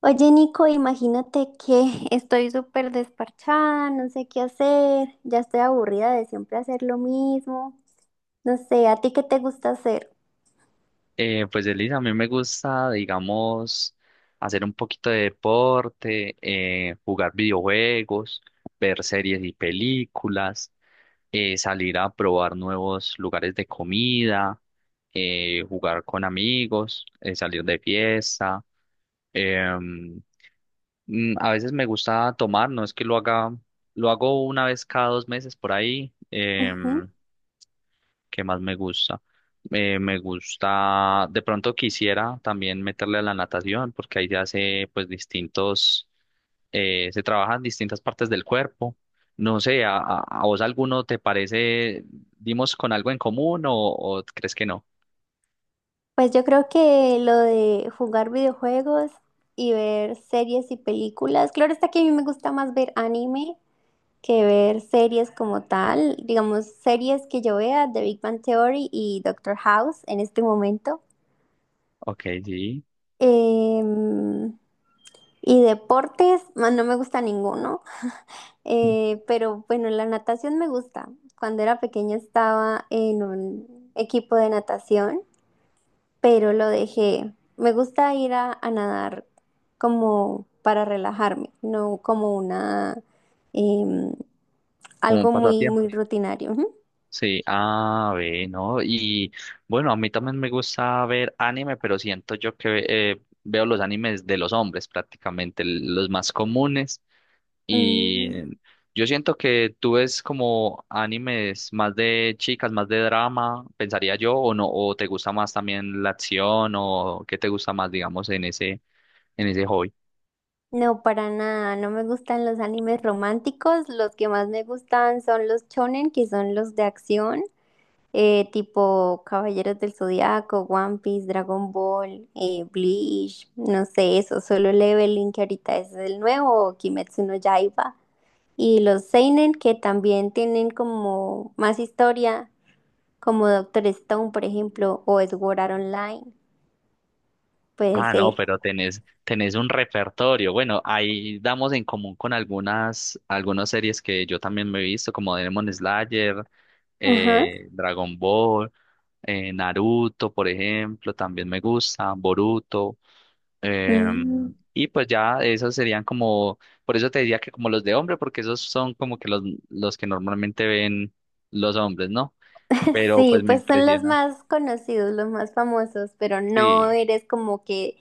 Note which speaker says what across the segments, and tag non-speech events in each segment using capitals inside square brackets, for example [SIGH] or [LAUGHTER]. Speaker 1: Oye, Nico, imagínate que [LAUGHS] estoy súper desparchada, no sé qué hacer, ya estoy aburrida de siempre hacer lo mismo. No sé, ¿a ti qué te gusta hacer?
Speaker 2: Pues Elisa, a mí me gusta, digamos, hacer un poquito de deporte, jugar videojuegos, ver series y películas, salir a probar nuevos lugares de comida, jugar con amigos, salir de fiesta. em, a veces me gusta tomar, no es que lo haga, lo hago una vez cada dos meses por ahí.
Speaker 1: Ujú.
Speaker 2: ¿Qué más me gusta? Me gusta, de pronto quisiera también meterle a la natación, porque ahí se hace pues distintos, se trabajan distintas partes del cuerpo. No sé, ¿a, a vos alguno te parece, dimos con algo en común o crees que no?
Speaker 1: Pues yo creo que lo de jugar videojuegos y ver series y películas. Claro está que a mí me gusta más ver anime que ver series como tal. Digamos, series que yo vea, The Big Bang Theory y Doctor House en este momento.
Speaker 2: Ok, sí,
Speaker 1: Em, y deportes, ma, no me gusta ninguno. Pero bueno, la natación me gusta. Cuando era pequeña estaba en un equipo de natación, pero lo dejé. Me gusta ir a nadar como para relajarme, no como una em,
Speaker 2: como un
Speaker 1: algo muy muy
Speaker 2: pasatiempo.
Speaker 1: rutinario. Ujú.
Speaker 2: Sí, ah, ve, ¿no? Y bueno, a mí también me gusta ver anime, pero siento yo que veo los animes de los hombres prácticamente, los más comunes. Y
Speaker 1: Mm,
Speaker 2: yo siento que tú ves como animes más de chicas, más de drama, pensaría yo, o no, o te gusta más también la acción, o qué te gusta más, digamos, en ese hobby.
Speaker 1: no, para nada, no me gustan los animes románticos, los que más me gustan son los shonen, que son los de acción, tipo Caballeros del Zodiaco, One Piece, Dragon Ball, Bleach, no sé, eso, Solo Leveling, que ahorita es el nuevo, Kimetsu no Yaiba, y los Seinen, que también tienen como más historia, como Doctor Stone, por ejemplo, o Sword Art Online, puede
Speaker 2: Ah,
Speaker 1: ser.
Speaker 2: no, pero tenés, tenés un repertorio. Bueno, ahí damos en común con algunas, algunas series que yo también me he visto, como Demon Slayer,
Speaker 1: Ajá.
Speaker 2: Dragon Ball, Naruto, por ejemplo, también me gusta, Boruto.
Speaker 1: Mm.
Speaker 2: Y pues ya esos serían como, por eso te decía que como los de hombre, porque esos son como que los que normalmente ven los hombres, ¿no?
Speaker 1: [LAUGHS]
Speaker 2: Pero
Speaker 1: Sí,
Speaker 2: pues me
Speaker 1: pues son los
Speaker 2: impresiona.
Speaker 1: más conocidos, los más famosos, pero no
Speaker 2: Sí,
Speaker 1: eres como que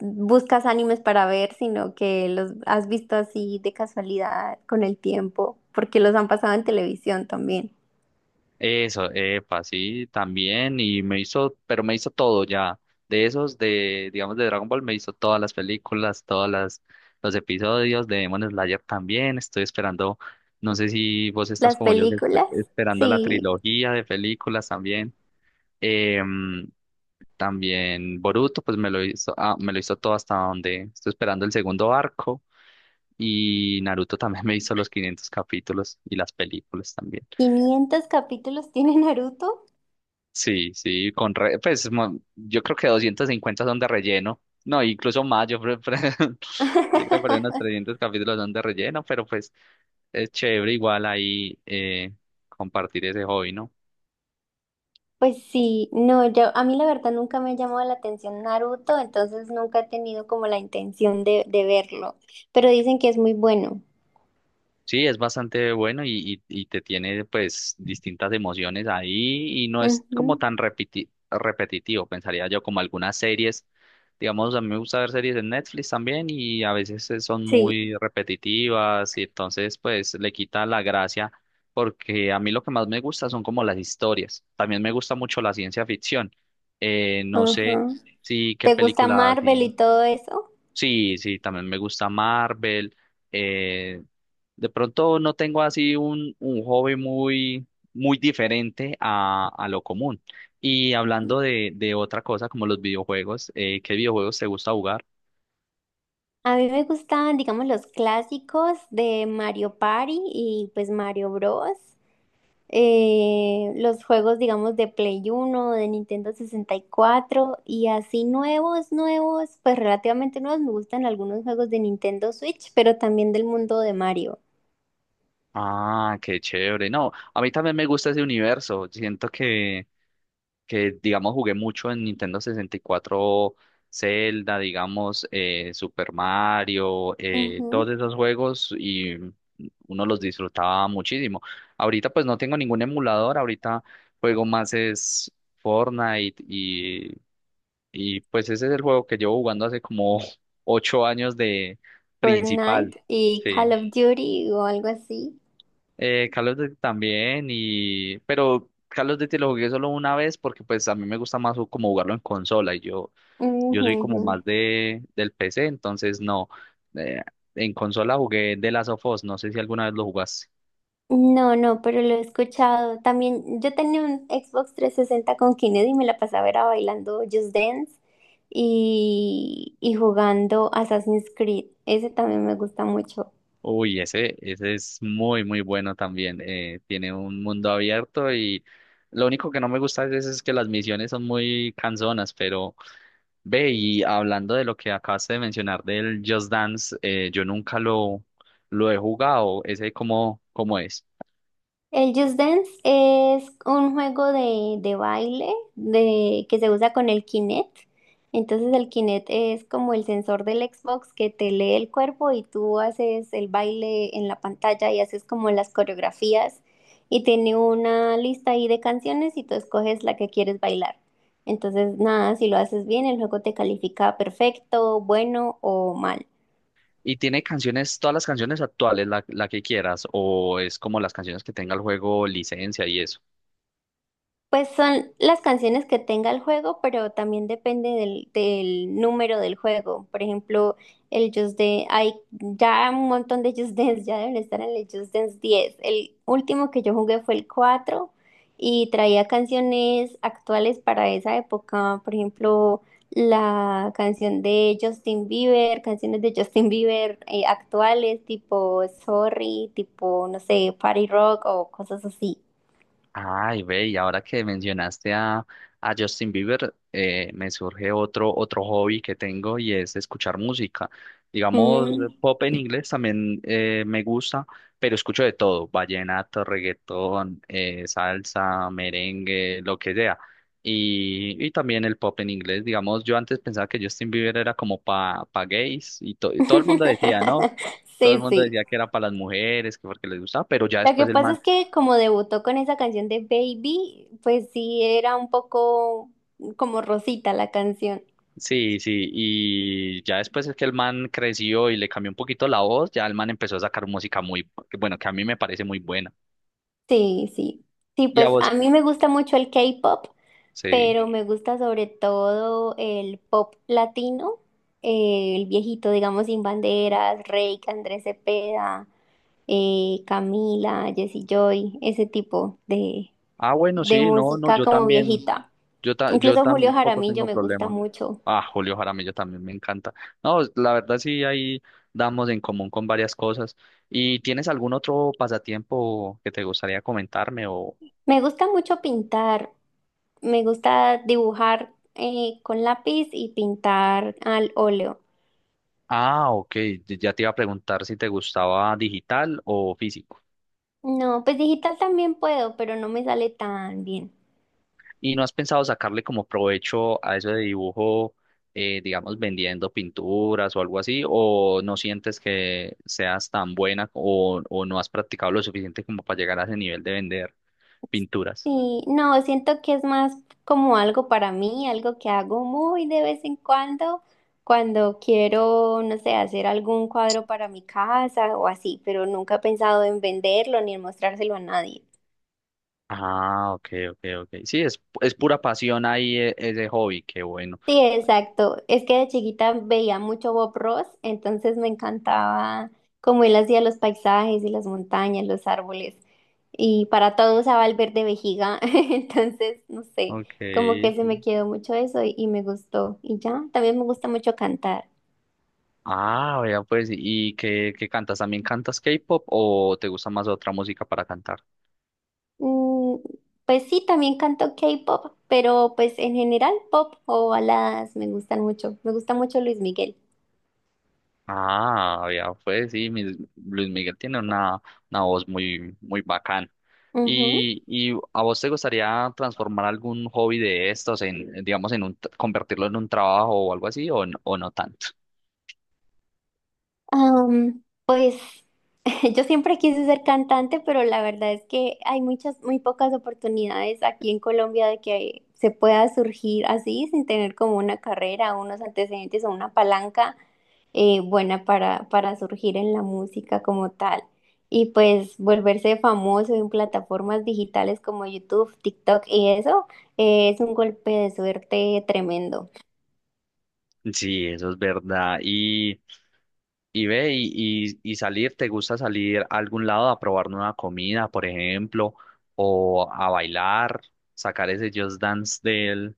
Speaker 1: buscas animes para ver, sino que los has visto así de casualidad con el tiempo, porque los han pasado en televisión también.
Speaker 2: eso, epa, sí, también. Y me hizo, pero me hizo todo ya. De esos, de, digamos, de Dragon Ball, me hizo todas las películas, todas las, los episodios, de Demon Slayer también. Estoy esperando, no sé si vos estás
Speaker 1: Las
Speaker 2: como yo, que
Speaker 1: películas,
Speaker 2: esperando la
Speaker 1: sí.
Speaker 2: trilogía de películas también. Em, También Boruto, pues me lo hizo, ah, me lo hizo todo hasta donde estoy esperando el segundo arco. Y Naruto también [LAUGHS] me hizo los 500 capítulos y las películas también.
Speaker 1: ¿500 capítulos tiene Naruto?
Speaker 2: Sí, sí, con pues yo creo que 250 son de relleno. No, incluso más, yo, [LAUGHS] yo creo que por ahí unos
Speaker 1: [LAUGHS]
Speaker 2: 300 capítulos son de relleno, pero pues es chévere igual ahí compartir ese hobby, ¿no?
Speaker 1: Pues sí, no, yo a mí la verdad nunca me ha llamado la atención Naruto, entonces nunca he tenido como la intención de verlo, pero dicen que es muy bueno.
Speaker 2: Sí, es bastante bueno y te tiene pues distintas emociones ahí y no es
Speaker 1: Ujú.
Speaker 2: como tan repetitivo, pensaría yo, como algunas series. Digamos, a mí me gusta ver series en Netflix también y a veces son
Speaker 1: Sí.
Speaker 2: muy repetitivas y entonces pues le quita la gracia porque a mí lo que más me gusta son como las historias. También me gusta mucho la ciencia ficción. No sé
Speaker 1: Ajá.
Speaker 2: si qué
Speaker 1: ¿Te gusta
Speaker 2: película
Speaker 1: Marvel
Speaker 2: si
Speaker 1: y todo eso?
Speaker 2: sí, sí, también me gusta Marvel. eh, de pronto no tengo así un hobby muy, muy diferente a lo común. Y hablando de otra cosa como los videojuegos, ¿qué videojuegos te gusta jugar?
Speaker 1: A mí me gustan, digamos, los clásicos de Mario Party y pues Mario Bros. Los juegos, digamos, de Play Uno de Nintendo 64 y cuatro y así nuevos, nuevos, pues relativamente nuevos. Me gustan algunos juegos de Nintendo Switch, pero también del mundo de Mario.
Speaker 2: Ah, qué chévere. No, a mí también me gusta ese universo. Siento que digamos jugué mucho en Nintendo 64, Zelda, digamos, Super Mario,
Speaker 1: Ujú.
Speaker 2: todos esos juegos y uno los disfrutaba muchísimo. Ahorita pues no tengo ningún emulador, ahorita juego más es Fortnite y pues ese es el juego que llevo jugando hace como [LAUGHS] 8 años de principal.
Speaker 1: Fortnite y
Speaker 2: Sí.
Speaker 1: Call of Duty o algo así.
Speaker 2: Call of Duty también, y... pero Call of Duty lo jugué solo una vez porque pues a mí me gusta más como jugarlo en consola y yo,
Speaker 1: Ujú,
Speaker 2: yo soy como
Speaker 1: ujú.
Speaker 2: más de, del PC, entonces no. Eh, en consola jugué The Last of Us, no sé si alguna vez lo jugaste.
Speaker 1: No, no, pero lo he escuchado. También yo tenía un Xbox 360 con Kinect y me la pasaba era bailando Just Dance y jugando Assassin's Creed. Ese también me gusta mucho.
Speaker 2: Uy, ese es muy, muy bueno también. Tiene un mundo abierto y lo único que no me gusta a veces es que las misiones son muy cansonas, pero ve, y hablando de lo que acabaste de mencionar del Just Dance, yo nunca lo, lo he jugado, ese cómo, cómo es.
Speaker 1: El Just Dance es un juego de baile de, que se usa con el Kinect. Entonces el Kinect es como el sensor del Xbox que te lee el cuerpo y tú haces el baile en la pantalla y haces como las coreografías y tiene una lista ahí de canciones y tú escoges la que quieres bailar. Entonces nada, si lo haces bien, el juego te califica perfecto, bueno o mal.
Speaker 2: ¿Y tiene canciones, todas las canciones actuales, la que quieras, o es como las canciones que tenga el juego licencia y eso?
Speaker 1: Pues son las canciones que tenga el juego, pero también depende del número del juego. Por ejemplo, el Just Dance, hay ya un montón de Just Dance, ya deben estar en el Just Dance 10. El último que yo jugué fue el 4 y traía canciones actuales para esa época. Por ejemplo, la canción de Justin Bieber, canciones de Justin Bieber actuales, tipo Sorry, tipo, no sé, Party Rock o cosas así.
Speaker 2: Ay, ve, y ahora que mencionaste a Justin Bieber, me surge otro, otro hobby que tengo y es escuchar música. Digamos,
Speaker 1: Mm.
Speaker 2: pop en inglés también me gusta, pero escucho de todo, vallenato, reggaetón, salsa, merengue, lo que sea. Y también el pop en inglés, digamos, yo antes pensaba que Justin Bieber era como para pa pa gays y, y todo el mundo decía, ¿no?
Speaker 1: [LAUGHS]
Speaker 2: Todo el
Speaker 1: Sí,
Speaker 2: mundo
Speaker 1: sí.
Speaker 2: decía que era para las mujeres, que porque les gustaba, pero ya
Speaker 1: Lo que
Speaker 2: después el
Speaker 1: pasa
Speaker 2: man
Speaker 1: es que como debutó con esa canción de Baby, pues sí era un poco como rosita la canción.
Speaker 2: sí, sí, y ya después es que el man creció y le cambió un poquito la voz, ya el man empezó a sacar música muy, que bueno, que a mí me parece muy buena.
Speaker 1: Sí, sí. Sí,
Speaker 2: ¿Y a
Speaker 1: pues a
Speaker 2: vos?
Speaker 1: mí me gusta mucho el K-pop,
Speaker 2: Sí.
Speaker 1: pero me gusta sobre todo el pop latino, el viejito, digamos, Sin Banderas, Reik, Andrés Cepeda, Camila, Jesse Joy, ese tipo de,
Speaker 2: Ah, bueno,
Speaker 1: de
Speaker 2: sí, no, no,
Speaker 1: música
Speaker 2: yo
Speaker 1: como
Speaker 2: también,
Speaker 1: viejita.
Speaker 2: yo, yo
Speaker 1: Incluso Julio
Speaker 2: tampoco
Speaker 1: Jaramillo
Speaker 2: tengo
Speaker 1: me gusta
Speaker 2: problema.
Speaker 1: mucho.
Speaker 2: Ah, Julio Jaramillo también me encanta. No, la verdad sí, ahí damos en común con varias cosas. ¿Y tienes algún otro pasatiempo que te gustaría comentarme o...
Speaker 1: Me gusta mucho pintar, me gusta dibujar con lápiz y pintar al óleo.
Speaker 2: Ah, ok, ya te iba a preguntar si te gustaba digital o físico.
Speaker 1: No, pues digital también puedo, pero no me sale tan bien.
Speaker 2: ¿Y no has pensado sacarle como provecho a eso de dibujo, digamos, vendiendo pinturas o algo así? ¿O no sientes que seas tan buena o no has practicado lo suficiente como para llegar a ese nivel de vender pinturas?
Speaker 1: Sí, no, siento que es más como algo para mí, algo que hago muy de vez en cuando, cuando quiero, no sé, hacer algún cuadro para mi casa o así, pero nunca he pensado en venderlo ni en mostrárselo a nadie.
Speaker 2: Ah, ok, ok, ok. Sí, es pura pasión ahí ese hobby, qué bueno.
Speaker 1: Sí, exacto. Es que de chiquita veía mucho Bob Ross, entonces me encantaba cómo él hacía los paisajes y las montañas, los árboles. Y para todo usaba el verde vejiga, [LAUGHS] entonces, no sé,
Speaker 2: Ok.
Speaker 1: como que se me quedó mucho eso y me gustó. Y ya, también me gusta mucho cantar.
Speaker 2: Ah, vea pues, ¿y qué, qué cantas? ¿También cantas K-pop o te gusta más otra música para cantar?
Speaker 1: Mm, pues sí, también canto K-pop, pero pues en general pop o baladas me gustan mucho. Me gusta mucho Luis Miguel.
Speaker 2: Ah, ya pues sí, mis- Luis Miguel tiene una voz muy, muy bacán.
Speaker 1: Ujú.
Speaker 2: Y a vos te gustaría transformar algún hobby de estos en, digamos, en un, convertirlo en un trabajo o algo así, o, o no tanto?
Speaker 1: Pues [LAUGHS] yo siempre quise ser cantante, pero la verdad es que hay muchas, muy pocas oportunidades aquí en Colombia de que se pueda surgir así sin tener como una carrera, unos antecedentes o una palanca buena para surgir en la música como tal. Y pues volverse famoso en plataformas digitales como YouTube, TikTok y eso es un golpe de suerte tremendo.
Speaker 2: Sí, eso es verdad. Y ve, y salir, ¿te gusta salir a algún lado a probar nueva comida, por ejemplo, o a bailar, sacar ese Just Dance del,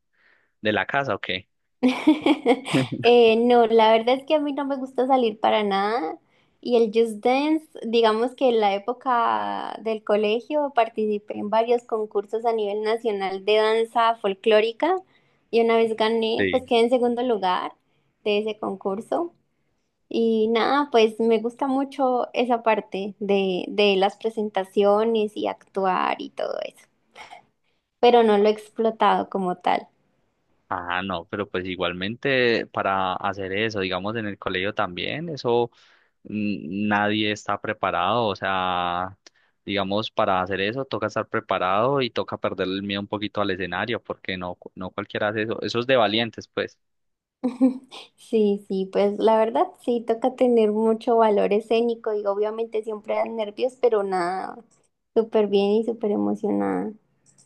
Speaker 2: de la casa, ¿o qué?
Speaker 1: [LAUGHS] No, la verdad es que a mí no me gusta salir para nada y el Just Dance, digamos que en la época del colegio participé en varios concursos a nivel nacional de danza folclórica y una vez gané, pues quedé en segundo lugar de ese concurso y nada, pues me gusta mucho esa parte de las presentaciones y actuar y todo eso, pero no lo he explotado como tal.
Speaker 2: Ah, no, pero pues igualmente para hacer eso, digamos en el colegio también, eso mm, nadie está preparado, o sea, digamos para hacer eso toca estar preparado y toca perder el miedo un poquito al escenario, porque no, no cualquiera hace eso, eso es de valientes, pues.
Speaker 1: [LAUGHS] Sí, sí, pues la verdad sí toca tener mucho valor escénico y obviamente siempre dan nervios, pero nada, súper bien y súper emocionada.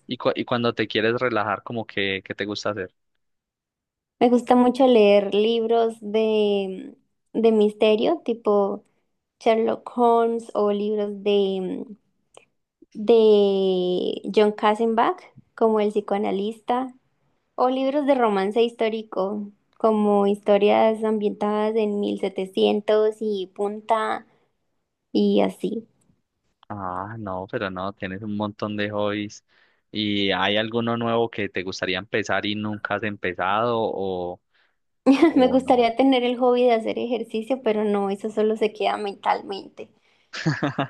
Speaker 2: Y, y cuando te quieres relajar, como que, ¿qué te gusta hacer?
Speaker 1: Me gusta mucho leer libros de misterio, tipo Sherlock Holmes o libros de John Kassenbach, como El psicoanalista, o libros de romance histórico, como historias ambientadas en 1700 y punta y así.
Speaker 2: Ah, no, pero no, tienes un montón de hobbies. ¿Y hay alguno nuevo que te gustaría empezar y nunca has empezado
Speaker 1: [LAUGHS] Me
Speaker 2: o no?
Speaker 1: gustaría tener el hobby de hacer ejercicio, pero no, eso solo se queda mentalmente.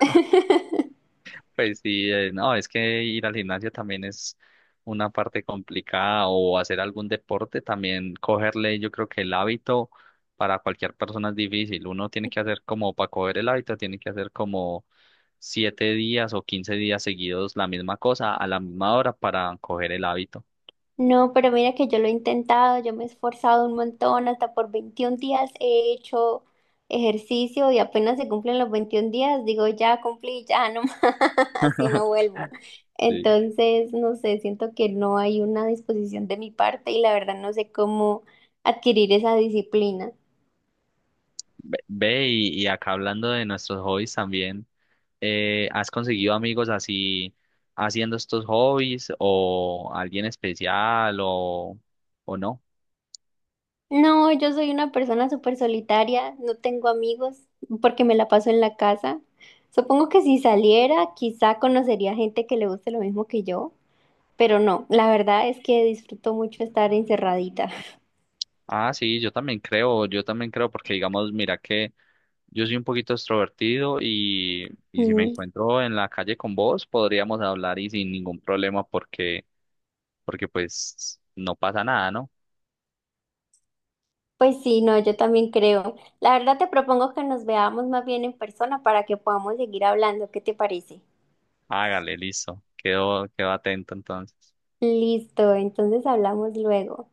Speaker 1: [LAUGHS]
Speaker 2: Pues sí, no, es que ir al gimnasio también es una parte complicada o hacer algún deporte, también cogerle, yo creo que el hábito para cualquier persona es difícil. Uno tiene que hacer como, para coger el hábito, tiene que hacer como 7 días o 15 días seguidos la misma cosa a la misma hora para coger el hábito.
Speaker 1: No, pero mira que yo lo he intentado, yo me he esforzado un montón, hasta por 21 días he hecho ejercicio y apenas se cumplen los 21 días, digo, ya cumplí, ya no más, [LAUGHS] así no vuelvo.
Speaker 2: Sí.
Speaker 1: Entonces, no sé, siento que no hay una disposición de mi parte y la verdad no sé cómo adquirir esa disciplina.
Speaker 2: Ve, ve, y acá hablando de nuestros hobbies también. ¿Has conseguido amigos así haciendo estos hobbies o alguien especial o no?
Speaker 1: No, yo soy una persona súper solitaria, no tengo amigos porque me la paso en la casa. Supongo que si saliera, quizá conocería gente que le guste lo mismo que yo, pero no, la verdad es que disfruto mucho estar encerradita. [LAUGHS]
Speaker 2: Ah, sí, yo también creo porque digamos, mira que yo soy un poquito extrovertido y si me
Speaker 1: Mm.
Speaker 2: encuentro en la calle con vos, podríamos hablar y sin ningún problema porque, porque pues no pasa nada, ¿no?
Speaker 1: Pues sí, no, yo también creo. La verdad te propongo que nos veamos más bien en persona para que podamos seguir hablando. ¿Qué te parece?
Speaker 2: Hágale, listo, quedo, quedo atento entonces.
Speaker 1: Listo, entonces hablamos luego.